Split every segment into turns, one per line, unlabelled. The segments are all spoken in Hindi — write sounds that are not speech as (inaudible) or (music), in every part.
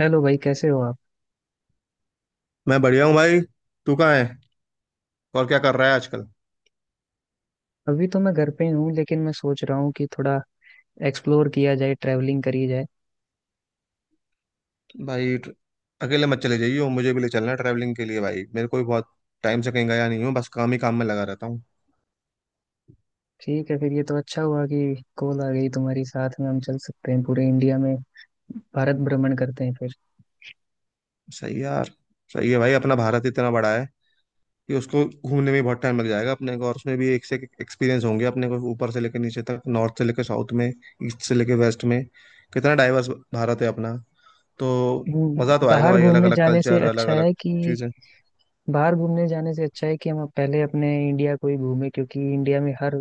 हेलो भाई कैसे हो आप।
मैं बढ़िया हूँ भाई। तू कहाँ है और क्या कर रहा है आजकल?
अभी तो मैं घर पे ही हूँ लेकिन मैं सोच रहा हूँ कि थोड़ा एक्सप्लोर किया जाए ट्रैवलिंग करी जाए।
भाई अकेले मत चले जाइयो, मुझे भी ले चलना है ट्रैवलिंग के लिए। भाई मेरे को भी बहुत टाइम से कहीं गया नहीं हूँ, बस काम ही काम में लगा रहता हूँ।
ठीक है फिर ये तो अच्छा हुआ कि कॉल आ गई तुम्हारी साथ में हम चल सकते हैं पूरे इंडिया में। भारत भ्रमण करते हैं फिर।
सही है यार। सही है भाई, अपना भारत इतना बड़ा है कि उसको घूमने में बहुत टाइम लग जाएगा अपने को। और उसमें भी एक से एक एक्सपीरियंस होंगे अपने को, ऊपर से लेकर नीचे तक, नॉर्थ से लेकर साउथ में, ईस्ट से लेकर वेस्ट में। कितना डाइवर्स भारत है अपना। तो मज़ा
हम्म,
तो आएगा
बाहर
भाई, अलग
घूमने
अलग
जाने से
कल्चर, अलग
अच्छा
अलग
है कि
चीज़ें।
बाहर घूमने जाने से अच्छा है कि हम पहले अपने इंडिया को ही घूमें क्योंकि इंडिया में हर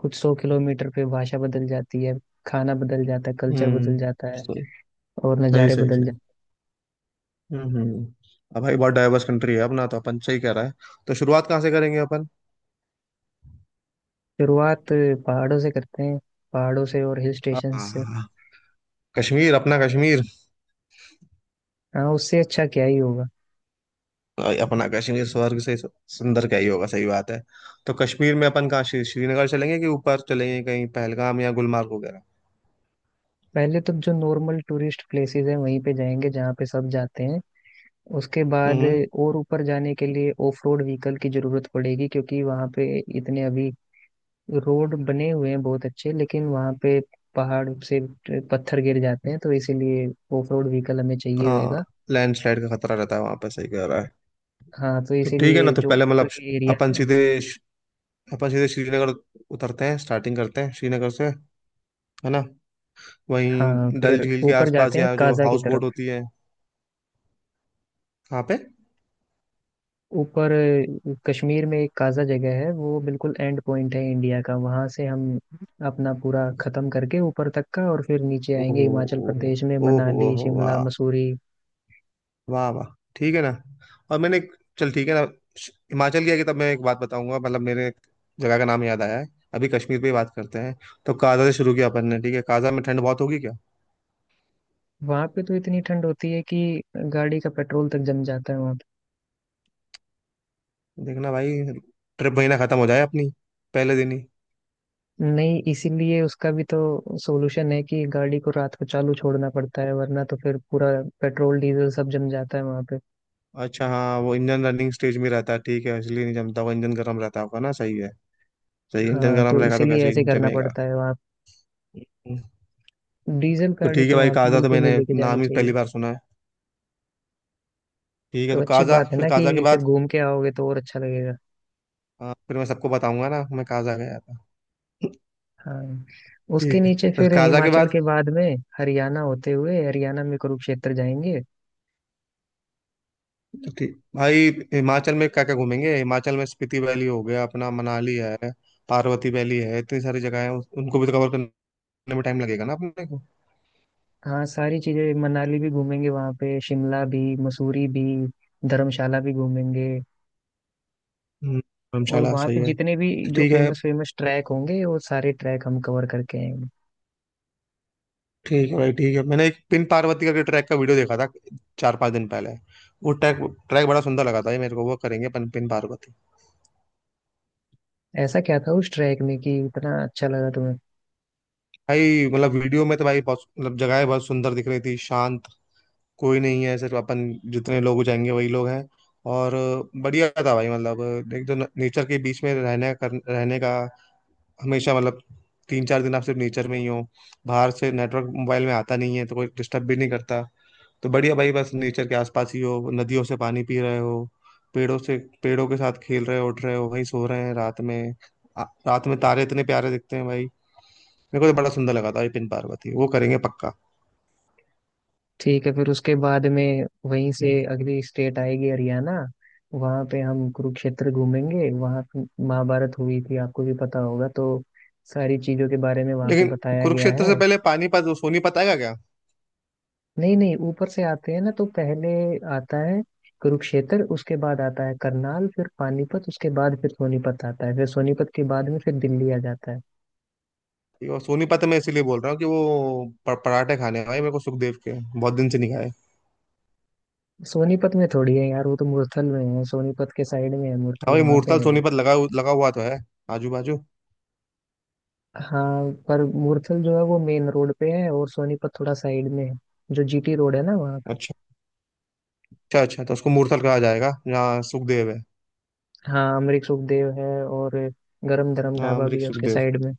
कुछ सौ किलोमीटर पे भाषा बदल जाती है। खाना बदल जाता है। कल्चर
हम्म।
बदल जाता है
सही
और
सही
नज़ारे
सही
बदल
सही।
जाते
हम्म। अब भाई बहुत डाइवर्स कंट्री है अपना, तो अपन सही कह रहा है। तो शुरुआत कहाँ से करेंगे अपन?
हैं। शुरुआत पहाड़ों से करते हैं। पहाड़ों से और हिल स्टेशन से।
आ, कश्मीर, अपना कश्मीर।
हाँ उससे अच्छा क्या ही होगा।
अपना कश्मीर स्वर्ग से सुंदर क्या ही होगा, सही बात है। तो कश्मीर में अपन कहाँ, श्रीनगर चलेंगे कि ऊपर चलेंगे कहीं पहलगाम या गुलमार्ग वगैरह?
पहले तो जो नॉर्मल टूरिस्ट प्लेसेस है वहीं पे जाएंगे जहाँ पे सब जाते हैं। उसके बाद
हम्म।
और ऊपर जाने के लिए ऑफ रोड व्हीकल की जरूरत पड़ेगी क्योंकि वहाँ पे इतने अभी रोड बने हुए हैं बहुत अच्छे लेकिन वहाँ पे पहाड़ से पत्थर गिर जाते हैं तो इसीलिए ऑफ रोड व्हीकल हमें चाहिए होगा।
हाँ, लैंडस्लाइड का खतरा रहता है वहां पर, सही कह रहा है।
हाँ तो
तो ठीक है ना,
इसीलिए
तो
जो
पहले
ऊपर
मतलब
के एरिया
अपन
है।
सीधे अपन सीधे श्रीनगर उतरते हैं, स्टार्टिंग करते हैं श्रीनगर से, है ना।
हाँ
वहीं डल
फिर
झील के
ऊपर
आसपास,
जाते हैं
या जो
काजा की
हाउस
तरफ।
बोट होती है। कहाँ पे?
ऊपर कश्मीर में एक काजा जगह है वो बिल्कुल एंड पॉइंट है इंडिया का। वहां से हम अपना पूरा खत्म करके ऊपर तक का और फिर नीचे आएंगे
ओहो
हिमाचल
ओहो,
प्रदेश में
ओहो
मनाली
ओहो,
शिमला
वाह
मसूरी।
वाह वाह। ठीक है ना। और चल ठीक है ना, हिमाचल गया कि तब मैं एक बात बताऊंगा, मतलब मेरे एक जगह का नाम याद आया है। अभी कश्मीर पे ही बात करते हैं। तो काजा से शुरू किया अपन ने, ठीक है। काजा में ठंड बहुत होगी क्या?
वहां पे तो इतनी ठंड होती है कि गाड़ी का पेट्रोल तक जम जाता है वहां पे।
देखना भाई, ट्रिप महीना खत्म हो जाए अपनी पहले दिन ही।
नहीं इसीलिए उसका भी तो सोल्यूशन है कि गाड़ी को रात को चालू छोड़ना पड़ता है वरना तो फिर पूरा पेट्रोल डीजल सब जम जाता है वहां पे।
अच्छा हाँ, वो इंजन रनिंग स्टेज में रहता है ठीक है, इसलिए नहीं जमता, वो इंजन गर्म रहता होगा ना, सही है। सही है, इंजन
हाँ
गर्म
तो
रहेगा तो
इसीलिए
कैसे
ऐसे
ही
करना
जमेगा।
पड़ता है वहाँ। डीजल
तो
गाड़ी
ठीक है
तो
भाई,
वहां पे
काजा तो
बिल्कुल नहीं
मैंने
लेके जानी
नाम ही पहली
चाहिए।
बार सुना है। ठीक है,
तो
तो
अच्छी
काजा,
बात है
फिर
ना
काजा के
कि फिर
बाद।
घूम के आओगे तो और अच्छा लगेगा।
हाँ फिर मैं सबको बताऊंगा ना, मैं काजा गया था।
हाँ उसके
ठीक है,
नीचे
बस
फिर
काजा के
हिमाचल
बाद
के बाद में हरियाणा होते हुए हरियाणा में कुरुक्षेत्र जाएंगे।
ठीक भाई, हिमाचल में क्या क्या घूमेंगे? हिमाचल में स्पीति वैली हो गया अपना, मनाली है, पार्वती वैली है, इतनी सारी जगह है, उनको भी तो कवर करने में टाइम लगेगा ना अपने को।
हाँ सारी चीजें मनाली भी घूमेंगे वहाँ पे शिमला भी मसूरी भी धर्मशाला भी घूमेंगे। और
धर्मशाला
वहाँ
सही
पे
है,
जितने भी
तो
जो
ठीक है।
फेमस फेमस ट्रैक होंगे वो सारे ट्रैक हम कवर करके आएंगे।
ठीक है भाई, ठीक है, मैंने एक पिन पार्वती करके ट्रैक का वीडियो देखा था, चार पांच दिन पहले। वो ट्रैक, ट्रैक बड़ा सुंदर लगा था ये मेरे को, वो करेंगे अपन पिन पार्वती।
ऐसा क्या था उस ट्रैक में कि इतना अच्छा लगा तुम्हें?
भाई मतलब वीडियो में तो भाई बहुत मतलब, जगह बहुत सुंदर दिख रही थी, शांत, कोई नहीं है, सिर्फ अपन, जितने लोग जाएंगे वही लोग हैं। और बढ़िया था भाई, मतलब एक तो नेचर के बीच में रहने का, हमेशा मतलब तीन चार दिन आप सिर्फ नेचर में ही हो। बाहर से नेटवर्क मोबाइल में आता नहीं है तो कोई डिस्टर्ब भी नहीं करता। तो बढ़िया भाई, बस नेचर के आसपास ही हो, नदियों से पानी पी रहे हो, पेड़ों से पेड़ों के साथ खेल रहे हो, उठ रहे हो, वहीं सो रहे हैं रात में। रात में तारे इतने प्यारे दिखते हैं भाई। मेरे को तो बड़ा सुंदर लगा था ये पिन पार्वती, वो करेंगे पक्का।
ठीक है फिर उसके बाद में वहीं से अगली स्टेट आएगी हरियाणा। वहां पे हम कुरुक्षेत्र घूमेंगे। वहां पे महाभारत हुई थी आपको भी पता होगा तो सारी चीजों के बारे में वहां पे
लेकिन
बताया गया
कुरुक्षेत्र से
है।
पहले पानीपत सोनीपत आएगा क्या?
नहीं नहीं ऊपर से आते हैं ना तो पहले आता है कुरुक्षेत्र उसके बाद आता है करनाल फिर पानीपत उसके बाद फिर सोनीपत आता है फिर सोनीपत के बाद में फिर दिल्ली आ जाता है।
ये वो सोनीपत मैं इसीलिए बोल रहा हूँ कि वो पराठे खाने हैं भाई मेरे को सुखदेव के, बहुत दिन से नहीं खाए।
सोनीपत में थोड़ी है यार वो तो मुरथल में है। सोनीपत के साइड में है
हाँ
मुरथल
भाई,
वहां पे
मूर्तल
है वो।
सोनीपत लगा हुआ तो है, आजू बाजू।
हाँ पर मुरथल जो है वो मेन रोड पे है और सोनीपत थोड़ा साइड में है। जो जीटी रोड है ना वहाँ पे।
अच्छा, अच्छा अच्छा, तो उसको मूर्तल कहा जाएगा जहाँ सुखदेव है।
हाँ अमरीक सुखदेव है और गरम धरम
हाँ
ढाबा भी
अमरीक
है उसके
सुखदेव।
साइड में।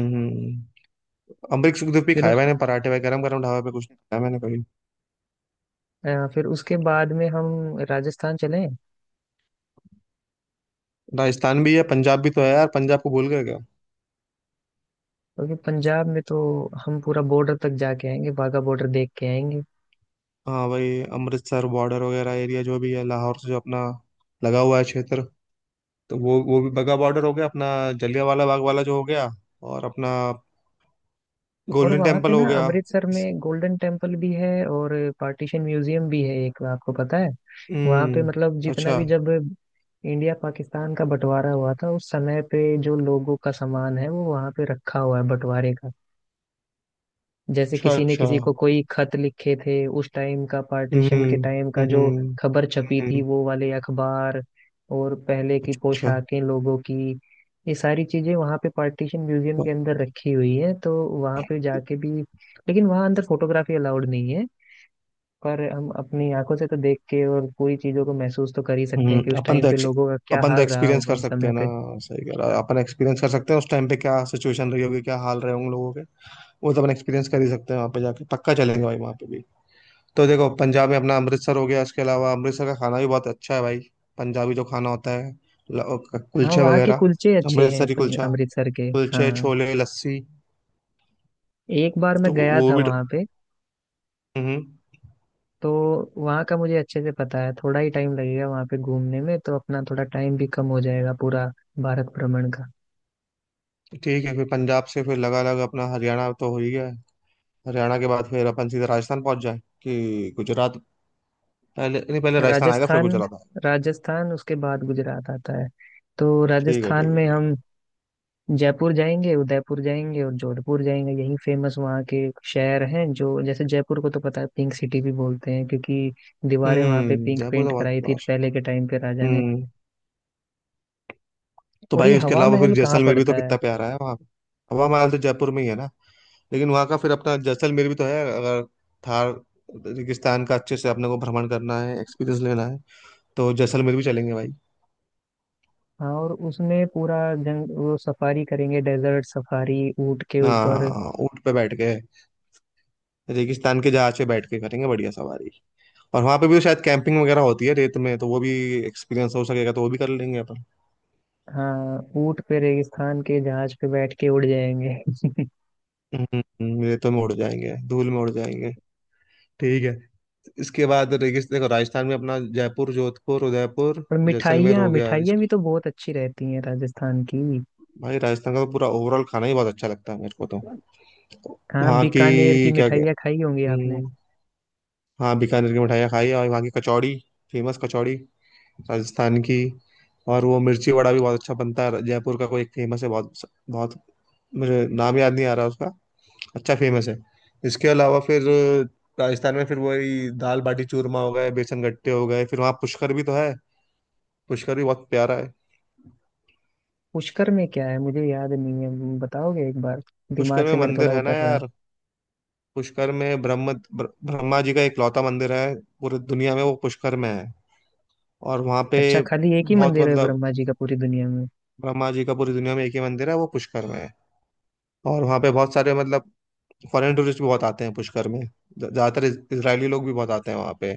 हम्म हम्म। अमरीक सुखदेव भी
फिर
खाए मैंने पराठे भाई, गरम गरम ढाबा पे कुछ नहीं खाया मैंने कभी।
फिर उसके बाद में हम राजस्थान चलें।
राजस्थान भी है, पंजाब भी तो है यार, पंजाब को भूल गए क्या?
क्योंकि पंजाब में तो हम पूरा बॉर्डर तक जाके आएंगे वाघा बॉर्डर देख के आएंगे।
हाँ भाई, अमृतसर बॉर्डर वगैरह एरिया जो भी है, लाहौर से जो अपना लगा हुआ है क्षेत्र, तो वो भी बगा बॉर्डर हो गया अपना, जलियांवाला बाग वाला जो हो गया, और अपना
और
गोल्डन
वहां पे
टेम्पल हो
ना
गया।
अमृतसर
इस-
में गोल्डन टेम्पल भी है और पार्टीशन म्यूजियम भी है एक आपको पता है। वहां पे मतलब
हम्म,
जितना
अच्छा
भी जब इंडिया पाकिस्तान का बंटवारा हुआ था उस समय पे जो लोगों का सामान है वो वहां पे रखा हुआ है बंटवारे का। जैसे
अच्छा
किसी ने
अच्छा।
किसी को कोई खत लिखे थे उस टाइम का पार्टीशन के
हम्म।
टाइम का जो
हम्म।
खबर छपी थी
हम्म,
वो वाले अखबार और पहले की
अच्छा अच्छा।
पोशाकें लोगों की ये सारी चीजें वहाँ पे पार्टीशन म्यूजियम के अंदर रखी हुई है। तो वहाँ पे जाके भी लेकिन वहाँ अंदर फोटोग्राफी अलाउड नहीं है। पर हम अपनी आंखों से तो देख के और पूरी चीजों को महसूस तो कर ही सकते
हम्म।
हैं कि उस टाइम पे लोगों का क्या
अपन तो
हाल रहा
एक्सपीरियंस
होगा
कर
उस
सकते
समय
हैं ना,
पे।
सही कह रहा है, अपन एक्सपीरियंस कर सकते हैं उस टाइम पे क्या सिचुएशन रही होगी, क्या हाल रहे होंगे लोगों के, वो तो अपन एक्सपीरियंस कर ही सकते हैं वहाँ पे जाके। पक्का चलेंगे भाई वहाँ पे भी। तो देखो, पंजाब में अपना अमृतसर हो गया, इसके अलावा अमृतसर का खाना भी बहुत अच्छा है भाई, पंजाबी जो खाना होता है,
हाँ
कुलचे
वहाँ के
वगैरह।
कुलचे अच्छे हैं
अमृतसरी कुलचा,
अमृतसर के।
कुलचे,
हाँ
छोले, लस्सी,
एक बार मैं
तो
गया
वो
था
भी।
वहाँ पे
हम्म।
तो वहाँ का मुझे अच्छे से पता है। थोड़ा ही टाइम लगेगा वहाँ पे घूमने में तो अपना थोड़ा टाइम भी कम हो जाएगा पूरा भारत भ्रमण का।
ठीक है, फिर पंजाब से फिर लगा लगा अपना हरियाणा तो हो ही गया है। हरियाणा के बाद फिर अपन सीधा राजस्थान पहुंच जाए कि गुजरात? पहले नहीं, पहले राजस्थान आएगा फिर
राजस्थान।
गुजरात आएगा।
राजस्थान उसके बाद गुजरात आता है। तो
ठीक है
राजस्थान
ठीक है
में
ठीक
हम जयपुर जाएंगे उदयपुर जाएंगे और जोधपुर जाएंगे। यही फेमस वहाँ के शहर हैं। जो जैसे जयपुर को तो पता है पिंक सिटी भी बोलते हैं क्योंकि
है।
दीवारें वहाँ पे
हम्म,
पिंक
जयपुर तो
पेंट
बहुत
कराई थी
बड़ा
पहले
शहर।
के टाइम पे राजा ने।
हम्म। तो
और ये
भाई उसके
हवा
अलावा फिर
महल कहाँ
जैसलमेर भी
पड़ता
तो
है?
कितना प्यारा है वहाँ पे। हवा महल तो जयपुर में ही है ना। लेकिन वहाँ का फिर अपना जैसलमेर भी तो है, अगर थार रेगिस्तान का अच्छे से अपने को भ्रमण करना है, एक्सपीरियंस लेना है, तो जैसलमेर भी चलेंगे भाई।
हाँ और उसमें पूरा जंग वो सफारी करेंगे डेजर्ट सफारी ऊँट के ऊपर।
हाँ ऊँट पे बैठ के, रेगिस्तान के जहाज पे बैठ के, करेंगे बढ़िया सवारी। और वहाँ पे भी तो शायद कैंपिंग वगैरह होती है रेत में, तो वो भी एक्सपीरियंस हो सकेगा, तो वो भी कर लेंगे अपन।
हाँ ऊँट पे रेगिस्तान के जहाज पे बैठ के उड़ जाएंगे।
रेतों में उड़ जाएंगे, धूल में उड़ जाएंगे। ठीक है। इसके बाद रेगिस्तान, देखो राजस्थान में अपना जयपुर, जोधपुर, उदयपुर,
(laughs) और
जैसलमेर
मिठाइयाँ
हो गया।
मिठाइयाँ भी
इसके,
तो बहुत अच्छी रहती हैं राजस्थान की।
भाई राजस्थान का तो पूरा ओवरऑल खाना ही बहुत अच्छा लगता है मेरे को तो।
हाँ
वहाँ की
बीकानेर की
क्या क्या।
मिठाइयाँ खाई होंगी आपने।
हम्म, हाँ बीकानेर की मिठाइयाँ खाई, और वहाँ की कचौड़ी, फेमस कचौड़ी राजस्थान की। और वो मिर्ची वड़ा भी बहुत अच्छा बनता है, जयपुर का कोई एक फेमस है, बहुत बहुत मुझे नाम याद नहीं आ रहा उसका, अच्छा फेमस है। इसके अलावा फिर राजस्थान में फिर वही दाल बाटी चूरमा हो गए, बेसन गट्टे हो गए, फिर वहाँ पुष्कर भी तो है, पुष्कर भी बहुत प्यारा है।
पुष्कर में क्या है मुझे याद नहीं है बताओगे एक बार?
पुष्कर
दिमाग
में
से मेरे थोड़ा
मंदिर है ना
उतर रहा है।
यार, पुष्कर में ब्रह्मा जी का इकलौता मंदिर है पूरी दुनिया में, वो पुष्कर में है। और वहाँ पे
अच्छा खाली एक ही
बहुत
मंदिर है
मतलब,
ब्रह्मा जी का पूरी दुनिया में?
ब्रह्मा जी का पूरी दुनिया में एक ही मंदिर है, वो पुष्कर में है। और वहाँ पे बहुत सारे मतलब फॉरेन टूरिस्ट भी बहुत आते हैं पुष्कर में, ज़्यादातर इसराइली लोग भी बहुत आते हैं वहाँ पे।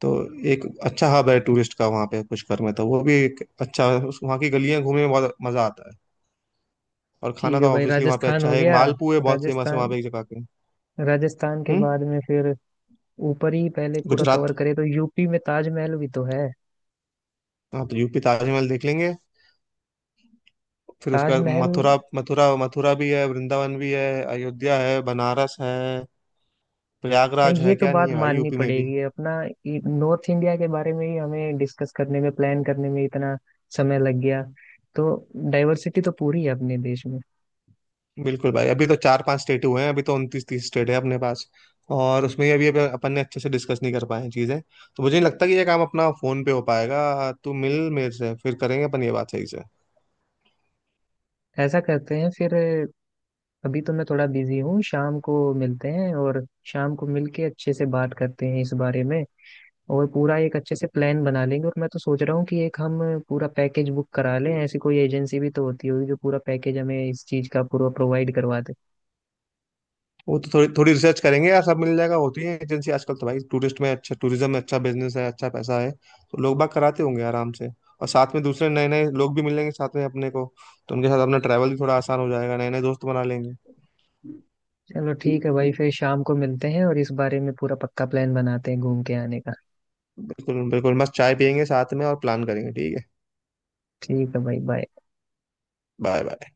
तो एक अच्छा हब है टूरिस्ट का वहाँ पे पुष्कर में, तो वो भी एक अच्छा वहाँ की गलियाँ घूमने में बहुत मज़ा आता है। और खाना
ठीक
तो
है भाई
ऑब्वियसली वहाँ पे
राजस्थान
अच्छा
हो
है,
गया।
मालपुए बहुत फेमस है वहाँ
राजस्थान।
पे एक जगह के।
राजस्थान के
हम्म।
बाद में फिर ऊपर ही पहले पूरा
गुजरात।
कवर करे तो यूपी में ताजमहल भी तो है।
हाँ तो यूपी ताजमहल देख लेंगे, फिर उसके बाद
ताजमहल।
मथुरा, मथुरा भी है, वृंदावन भी है, अयोध्या है, बनारस है, प्रयागराज
ये
है,
तो
क्या नहीं
बात
है भाई
माननी
यूपी में भी।
पड़ेगी अपना नॉर्थ इंडिया के बारे में ही हमें डिस्कस करने में प्लान करने में इतना समय लग गया। तो डाइवर्सिटी तो पूरी है अपने देश में।
बिल्कुल भाई, अभी तो चार पांच स्टेट हुए हैं, अभी तो उनतीस तीस स्टेट है अपने पास। और उसमें अभी अभी अपन ने अच्छे से डिस्कस नहीं कर पाए हैं चीजें, तो मुझे नहीं लगता कि ये काम अपना फोन पे हो पाएगा, तू मिल मेरे से फिर करेंगे अपन ये बात सही से।
ऐसा करते हैं फिर अभी तो मैं थोड़ा बिजी हूँ शाम को मिलते हैं और शाम को मिलके अच्छे से बात करते हैं इस बारे में और पूरा एक अच्छे से प्लान बना लेंगे। और मैं तो सोच रहा हूँ कि एक हम पूरा पैकेज बुक करा लें। ऐसी कोई एजेंसी भी तो होती होगी जो पूरा पैकेज हमें इस चीज़ का पूरा प्रोवाइड करवा दे।
वो तो थोड़ी थोड़ी रिसर्च करेंगे यार, सब मिल जाएगा, होती है एजेंसी आजकल तो भाई, टूरिस्ट में अच्छा, टूरिज्म में अच्छा बिजनेस है, अच्छा पैसा है, तो लोग बाग कराते होंगे आराम से। और साथ में दूसरे नए नए लोग भी मिलेंगे साथ में अपने को, तो उनके साथ अपना ट्रैवल भी थोड़ा आसान हो जाएगा, नए नए दोस्त बना लेंगे।
चलो ठीक है भाई फिर शाम को मिलते हैं और इस बारे में पूरा पक्का प्लान बनाते हैं घूम के आने का।
बिल्कुल बिल्कुल, मस्त चाय पियेंगे साथ में और प्लान करेंगे, ठीक है।
ठीक है भाई बाय।
Bye bye.